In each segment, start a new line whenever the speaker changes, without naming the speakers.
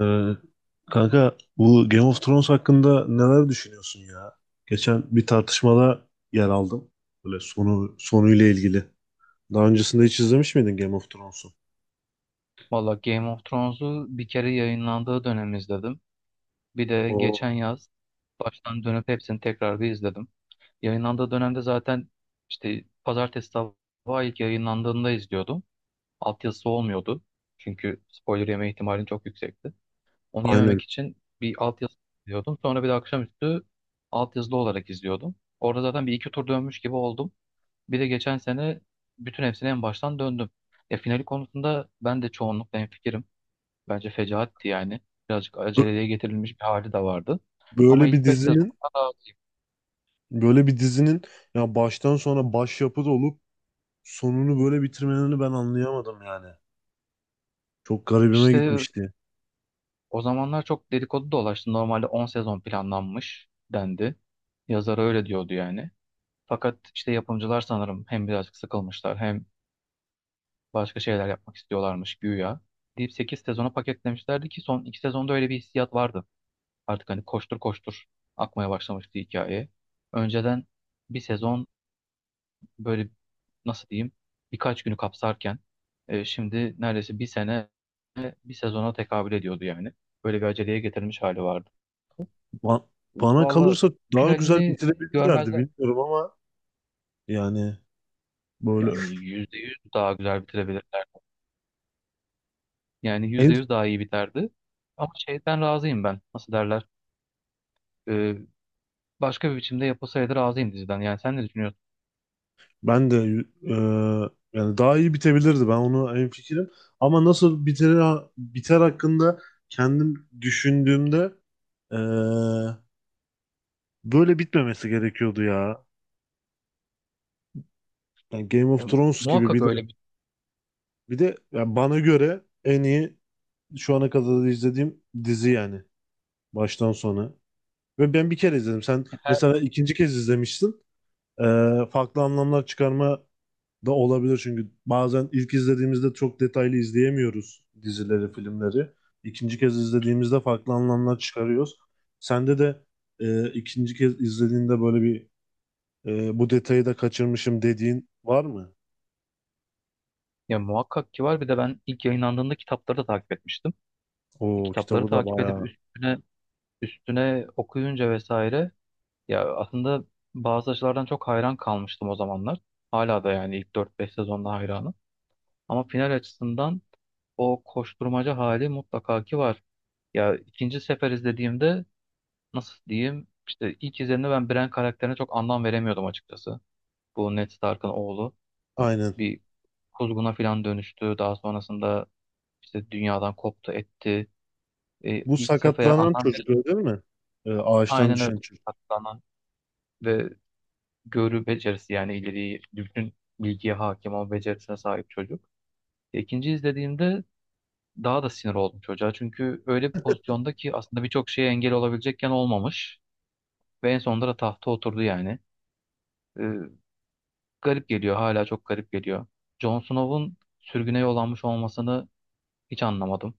Ee, kanka bu Game of Thrones hakkında neler düşünüyorsun ya? Geçen bir tartışmada yer aldım. Böyle sonu sonuyla ilgili. Daha öncesinde hiç izlemiş miydin Game of Thrones'u?
Valla Game of Thrones'u bir kere yayınlandığı dönem izledim. Bir de geçen
O
yaz baştan dönüp hepsini tekrar bir izledim. Yayınlandığı dönemde zaten işte pazartesi sabahı ilk yayınlandığında izliyordum. Altyazısı olmuyordu. Çünkü spoiler yeme ihtimalin çok yüksekti. Onu yememek
aynen.
için bir altyazı izliyordum. Sonra bir de akşamüstü altyazılı olarak izliyordum. Orada zaten bir iki tur dönmüş gibi oldum. Bir de geçen sene bütün hepsini en baştan döndüm. E, finali konusunda ben de çoğunlukla hemfikirim. Bence fecaatti yani. Birazcık
Bö-
aceleye getirilmiş bir hali de vardı. Ama
böyle bir
ilk 5 sezonda
dizinin
da
böyle bir dizinin ya baştan sona başyapıt olup sonunu böyle bitirmelerini ben anlayamadım yani. Çok garibime
işte
gitmişti.
o zamanlar çok dedikodu dolaştı. Normalde 10 sezon planlanmış dendi. Yazarı öyle diyordu yani. Fakat işte yapımcılar sanırım hem birazcık sıkılmışlar hem başka şeyler yapmak istiyorlarmış güya. Deyip 8 sezona paketlemişlerdi ki son 2 sezonda öyle bir hissiyat vardı. Artık hani koştur koştur akmaya başlamıştı hikaye. Önceden bir sezon böyle nasıl diyeyim birkaç günü kapsarken şimdi neredeyse bir sene bir sezona tekabül ediyordu yani. Böyle bir aceleye getirilmiş hali vardı.
Ba- Bana
Valla
kalırsa daha güzel
finalini
bitirebilirlerdi,
görmezler.
bilmiyorum ama yani böyle
Yani %100 daha güzel bitirebilirler. Yani
en.
%100 daha iyi biterdi. Ama şeyden razıyım ben. Nasıl derler? E, başka bir biçimde yapılsaydı razıyım diziden. Yani sen ne düşünüyorsun?
Ben de yani daha iyi bitebilirdi. Ben onu en fikrim. Ama nasıl biter biter hakkında kendim düşündüğümde e, böyle bitmemesi gerekiyordu ya. Yani Game of
Ya,
Thrones gibi
muhakkak
bir de
öyle bir
bir de yani bana göre en iyi şu ana kadar izlediğim dizi yani baştan sona. Ve ben bir kere izledim. Sen
her,
mesela ikinci kez izlemişsin. E, farklı anlamlar çıkarma da olabilir çünkü bazen ilk izlediğimizde çok detaylı izleyemiyoruz dizileri, filmleri. İkinci kez izlediğimizde farklı anlamlar çıkarıyoruz. Sende de ikinci kez izlediğinde böyle bir, bu detayı da kaçırmışım dediğin var mı?
ya muhakkak ki var. Bir de ben ilk yayınlandığında kitapları da takip etmiştim. E,
O
kitapları
kitabı da
takip edip
bayağı.
üstüne üstüne okuyunca vesaire ya aslında bazı açılardan çok hayran kalmıştım o zamanlar. Hala da yani ilk dört beş sezonda hayranım. Ama final açısından o koşturmaca hali mutlaka ki var. Ya ikinci sefer izlediğimde nasıl diyeyim işte ilk izlediğimde ben Bran karakterine çok anlam veremiyordum açıkçası. Bu Ned Stark'ın oğlu
Aynen.
bir kuzguna falan dönüştü. Daha sonrasında işte dünyadan koptu etti. E,
Bu
ilk sefer
sakatlanan
anlam
çocuk öyle
veremedim.
değil mi? Ağaçtan
Aynen öyle.
düşen çocuk.
Hatta ve görü becerisi yani ileriyi bütün bilgiye hakim olma becerisine sahip çocuk. İkinci izlediğimde daha da sinir oldum çocuğa. Çünkü öyle bir pozisyonda ki aslında birçok şeye engel olabilecekken olmamış. Ve en sonunda da tahta oturdu yani. Ee, garip geliyor, hala çok garip geliyor. Jon Snow'un sürgüne yollanmış olmasını hiç anlamadım.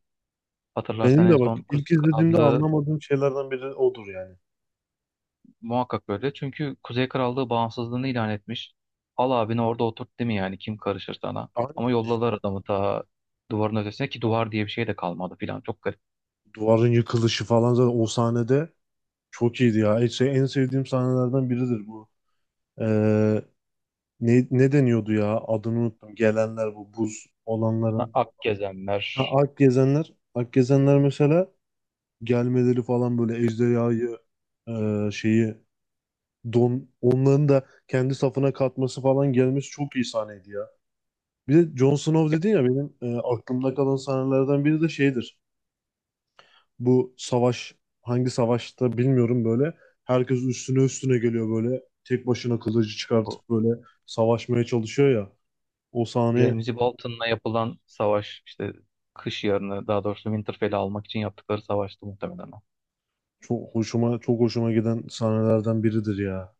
Hatırlarsan
Benim
en
de bak
son Kuzey
ilk izlediğimde
Krallığı
anlamadığım şeylerden biri odur yani.
muhakkak böyle. Çünkü Kuzey Krallığı bağımsızlığını ilan etmiş. Al abini orada oturt, değil mi? Yani kim karışır sana?
Aynen.
Ama
Yani.
yolladılar adamı ta duvarın ötesine, ki duvar diye bir şey de kalmadı filan. Çok garip.
Duvarın yıkılışı falan zaten o sahnede çok iyiydi ya. Şey, en sevdiğim sahnelerden biridir bu. Ee, ne deniyordu ya? Adını unuttum. Gelenler bu buz olanların.
Ak
Ha,
gezenler.
Alp gezenler. Alp gezenler mesela gelmeleri falan, böyle ejderhayı şeyi don, onların da kendi safına katması falan, gelmesi çok iyi sahneydi ya. Bir de Jon Snow dedin ya, benim aklımda kalan sahnelerden biri de şeydir. Bu savaş hangi savaşta bilmiyorum, böyle. Herkes üstüne üstüne geliyor böyle. Tek başına kılıcı
Bu
çıkartıp böyle savaşmaya çalışıyor ya. O sahne
Ramsay Bolton'la yapılan savaş işte, kış yarını, daha doğrusu Winterfell'i almak için yaptıkları savaştı muhtemelen o.
çok hoşuma giden sahnelerden biridir ya.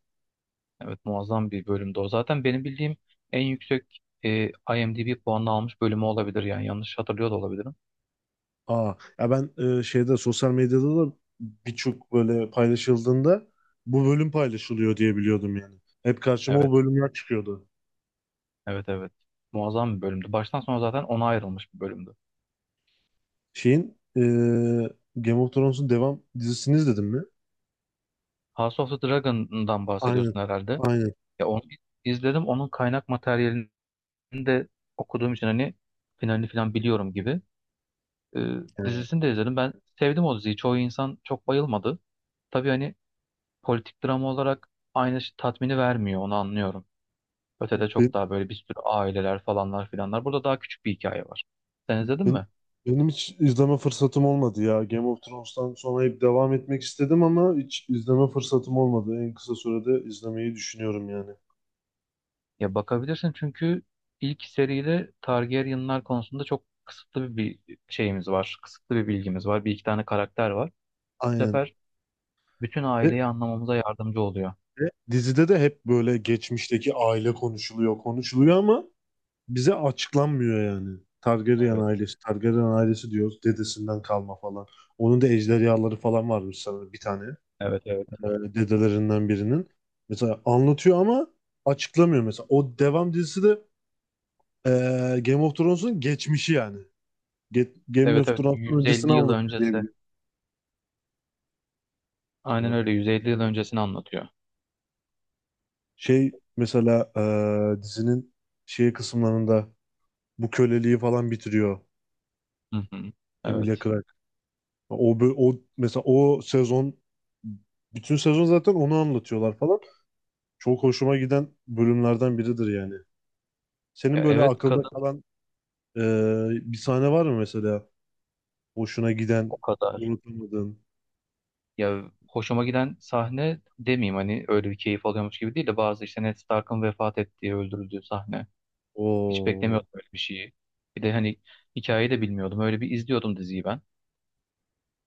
Evet, muazzam bir bölümdü o. Zaten benim bildiğim en yüksek IMDb puanını almış bölümü olabilir, yani yanlış hatırlıyor da olabilirim.
Aa, ya ben şeyde, sosyal medyada da birçok böyle paylaşıldığında bu bölüm paylaşılıyor diye biliyordum yani. Hep karşıma o
Evet.
bölümler çıkıyordu.
Evet, evet. Muazzam bir bölümdü. Baştan sona zaten ona ayrılmış bir bölümdü.
Şeyin, Game of Thrones'un devam dizisini izledin mi?
House of the Dragon'dan
Aynen.
bahsediyorsun herhalde.
Aynen.
Ya onu izledim. Onun kaynak materyalini de okuduğum için hani finalini falan biliyorum gibi. Ee, dizisini de izledim. Ben sevdim o diziyi. Çoğu insan çok bayılmadı. Tabii hani politik drama olarak aynı şey- tatmini vermiyor. Onu anlıyorum. Ötede çok
Yani.
daha böyle bir sürü aileler falanlar filanlar. Burada daha küçük bir hikaye var. Sen izledin
Ben-
mi?
Benim hiç izleme fırsatım olmadı ya. Game of Thrones'tan sonra hep devam etmek istedim ama hiç izleme fırsatım olmadı. En kısa sürede izlemeyi düşünüyorum yani.
Ya bakabilirsin, çünkü ilk seride Targaryen'lar konusunda çok kısıtlı bir şeyimiz var. Kısıtlı bir bilgimiz var. Bir iki tane karakter var. Bu
Aynen.
sefer bütün
Ve,
aileyi anlamamıza yardımcı oluyor.
ve dizide de hep böyle geçmişteki aile konuşuluyor, konuşuluyor ama bize açıklanmıyor yani. Targaryen
Evet,
ailesi, Targaryen ailesi diyoruz. Dedesinden kalma falan. Onun da ejderhaları falan varmış sanırım, bir tane.
evet, evet.
Ee, dedelerinden birinin. Mesela anlatıyor ama açıklamıyor mesela. O devam dizisi de Ee, Game of Thrones'un geçmişi yani. Game
Evet,
of
evet,
Thrones'un
150
öncesini
yıl
anlatıyor diye
öncesi.
biliyorum.
Aynen
Ya,
öyle, 150 yıl öncesini anlatıyor.
şey mesela dizinin şey kısımlarında bu köleliği falan bitiriyor
Hı hı.
Emilia
Evet.
Clarke. O mesela o sezon, bütün sezon zaten onu anlatıyorlar falan. Çok hoşuma giden bölümlerden biridir yani. Senin
Ya
böyle
evet,
akılda
kadın
kalan bir sahne var mı mesela? Hoşuna giden,
o kadar.
unutamadığın.
Ya hoşuma giden sahne demeyeyim, hani öyle bir keyif alıyormuş gibi değil de bazı işte Ned Stark'ın vefat ettiği, öldürüldüğü sahne. Hiç
O
beklemiyordum öyle bir şeyi. Bir de hani hikayeyi de bilmiyordum. Öyle bir izliyordum diziyi ben.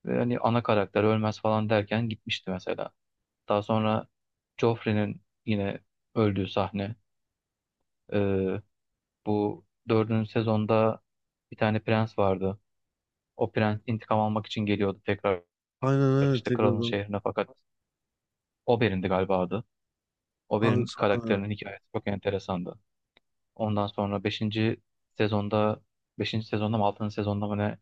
Ve hani ana karakter ölmez falan derken gitmişti mesela. Daha sonra Joffrey'nin yine öldüğü sahne. Ee, bu dördüncü sezonda bir tane prens vardı. O prens intikam almak için geliyordu tekrar
aynen,
işte kralın şehrine, fakat Oberyn'di galiba adı. Oberyn
tekrardan.
karakterinin hikayesi çok enteresandı. Ondan sonra sezonda beşinci sezonda mı altıncı sezonda mı ne.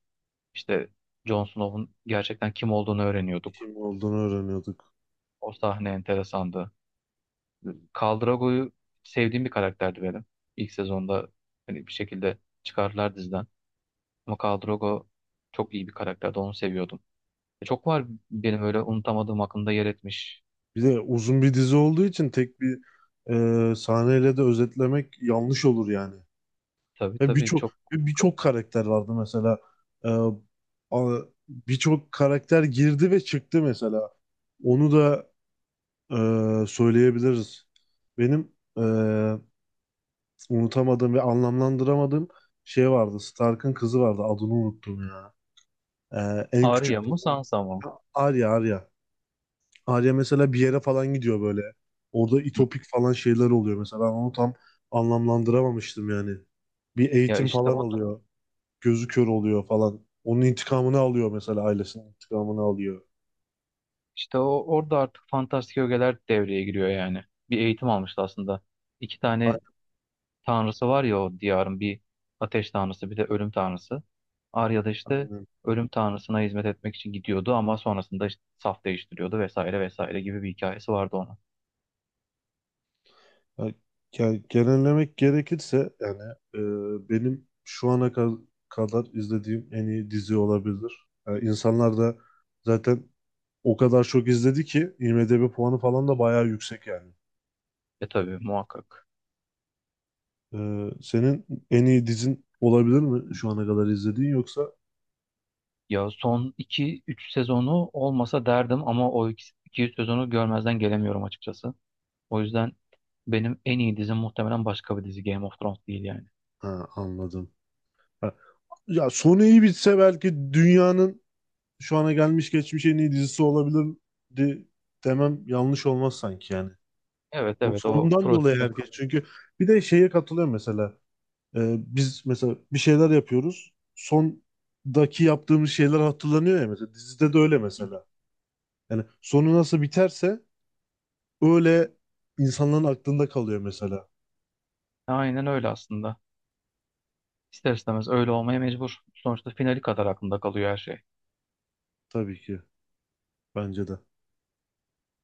İşte Jon Snow'un gerçekten kim olduğunu öğreniyorduk.
Kim olduğunu öğreniyorduk.
O sahne enteresandı. Khal Drogo'yu, sevdiğim bir karakterdi benim. İlk sezonda hani bir şekilde çıkardılar diziden. Ama Khal Drogo çok iyi bir karakterdi. Onu seviyordum. Çok var benim öyle unutamadığım, aklımda yer etmiş.
Bir de uzun bir dizi olduğu için tek bir sahneyle de özetlemek yanlış olur yani.
Tabii tabii, çok.
Ve birçok karakter vardı mesela. E, a- birçok karakter girdi ve çıktı mesela. Onu da söyleyebiliriz. Benim e, unutamadığım ve anlamlandıramadığım şey vardı. Stark'ın kızı vardı. Adını unuttum ya. En küçük
Arya mı,
kızı
Sansa mı?
Arya. Arya mesela bir yere falan gidiyor böyle. Orada
Hı.
itopik falan şeyler oluyor mesela. Ben onu tam anlamlandıramamıştım yani. Bir
Ya
eğitim
işte
falan
o
alıyor. Gözü kör oluyor falan. Onun intikamını alıyor mesela, ailesinin intikamını alıyor.
işte o orada artık fantastik ögeler devreye giriyor yani. Bir eğitim almıştı aslında. İki
A-
tane tanrısı var ya o diyarın: bir ateş tanrısı, bir de ölüm tanrısı. Arya da işte
Aynen.
ölüm tanrısına hizmet etmek için gidiyordu, ama sonrasında işte saf değiştiriyordu vesaire vesaire gibi bir hikayesi vardı ona.
Ya, genellemek gerekirse yani benim kadar izlediğim en iyi dizi olabilir. Yani insanlar da zaten o kadar çok izledi ki IMDb puanı falan da bayağı yüksek yani.
E tabii, muhakkak.
Senin en iyi dizin olabilir mi şu ana kadar izlediğin yoksa?
Ya son iki üç sezonu olmasa derdim, ama o iki 3 sezonu görmezden gelemiyorum açıkçası. O yüzden benim en iyi dizim muhtemelen başka bir dizi, Game of Thrones değil yani.
Ha, anladım. Ha, ya sonu iyi bitse belki dünyanın şu ana gelmiş geçmiş en iyi dizisi olabilirdi demem yanlış olmaz sanki yani.
Evet,
O
evet, o
sonundan dolayı
prodüksiyon.
herkes çünkü bir de şeye katılıyor mesela, biz mesela bir şeyler yapıyoruz. Sondaki yaptığımız şeyler hatırlanıyor ya mesela. Dizide de öyle mesela. Yani sonu nasıl biterse öyle insanların aklında kalıyor mesela.
Aynen öyle aslında. İster istemez öyle olmaya mecbur. Sonuçta finali kadar aklında kalıyor her şey.
Tabii ki. Bence de.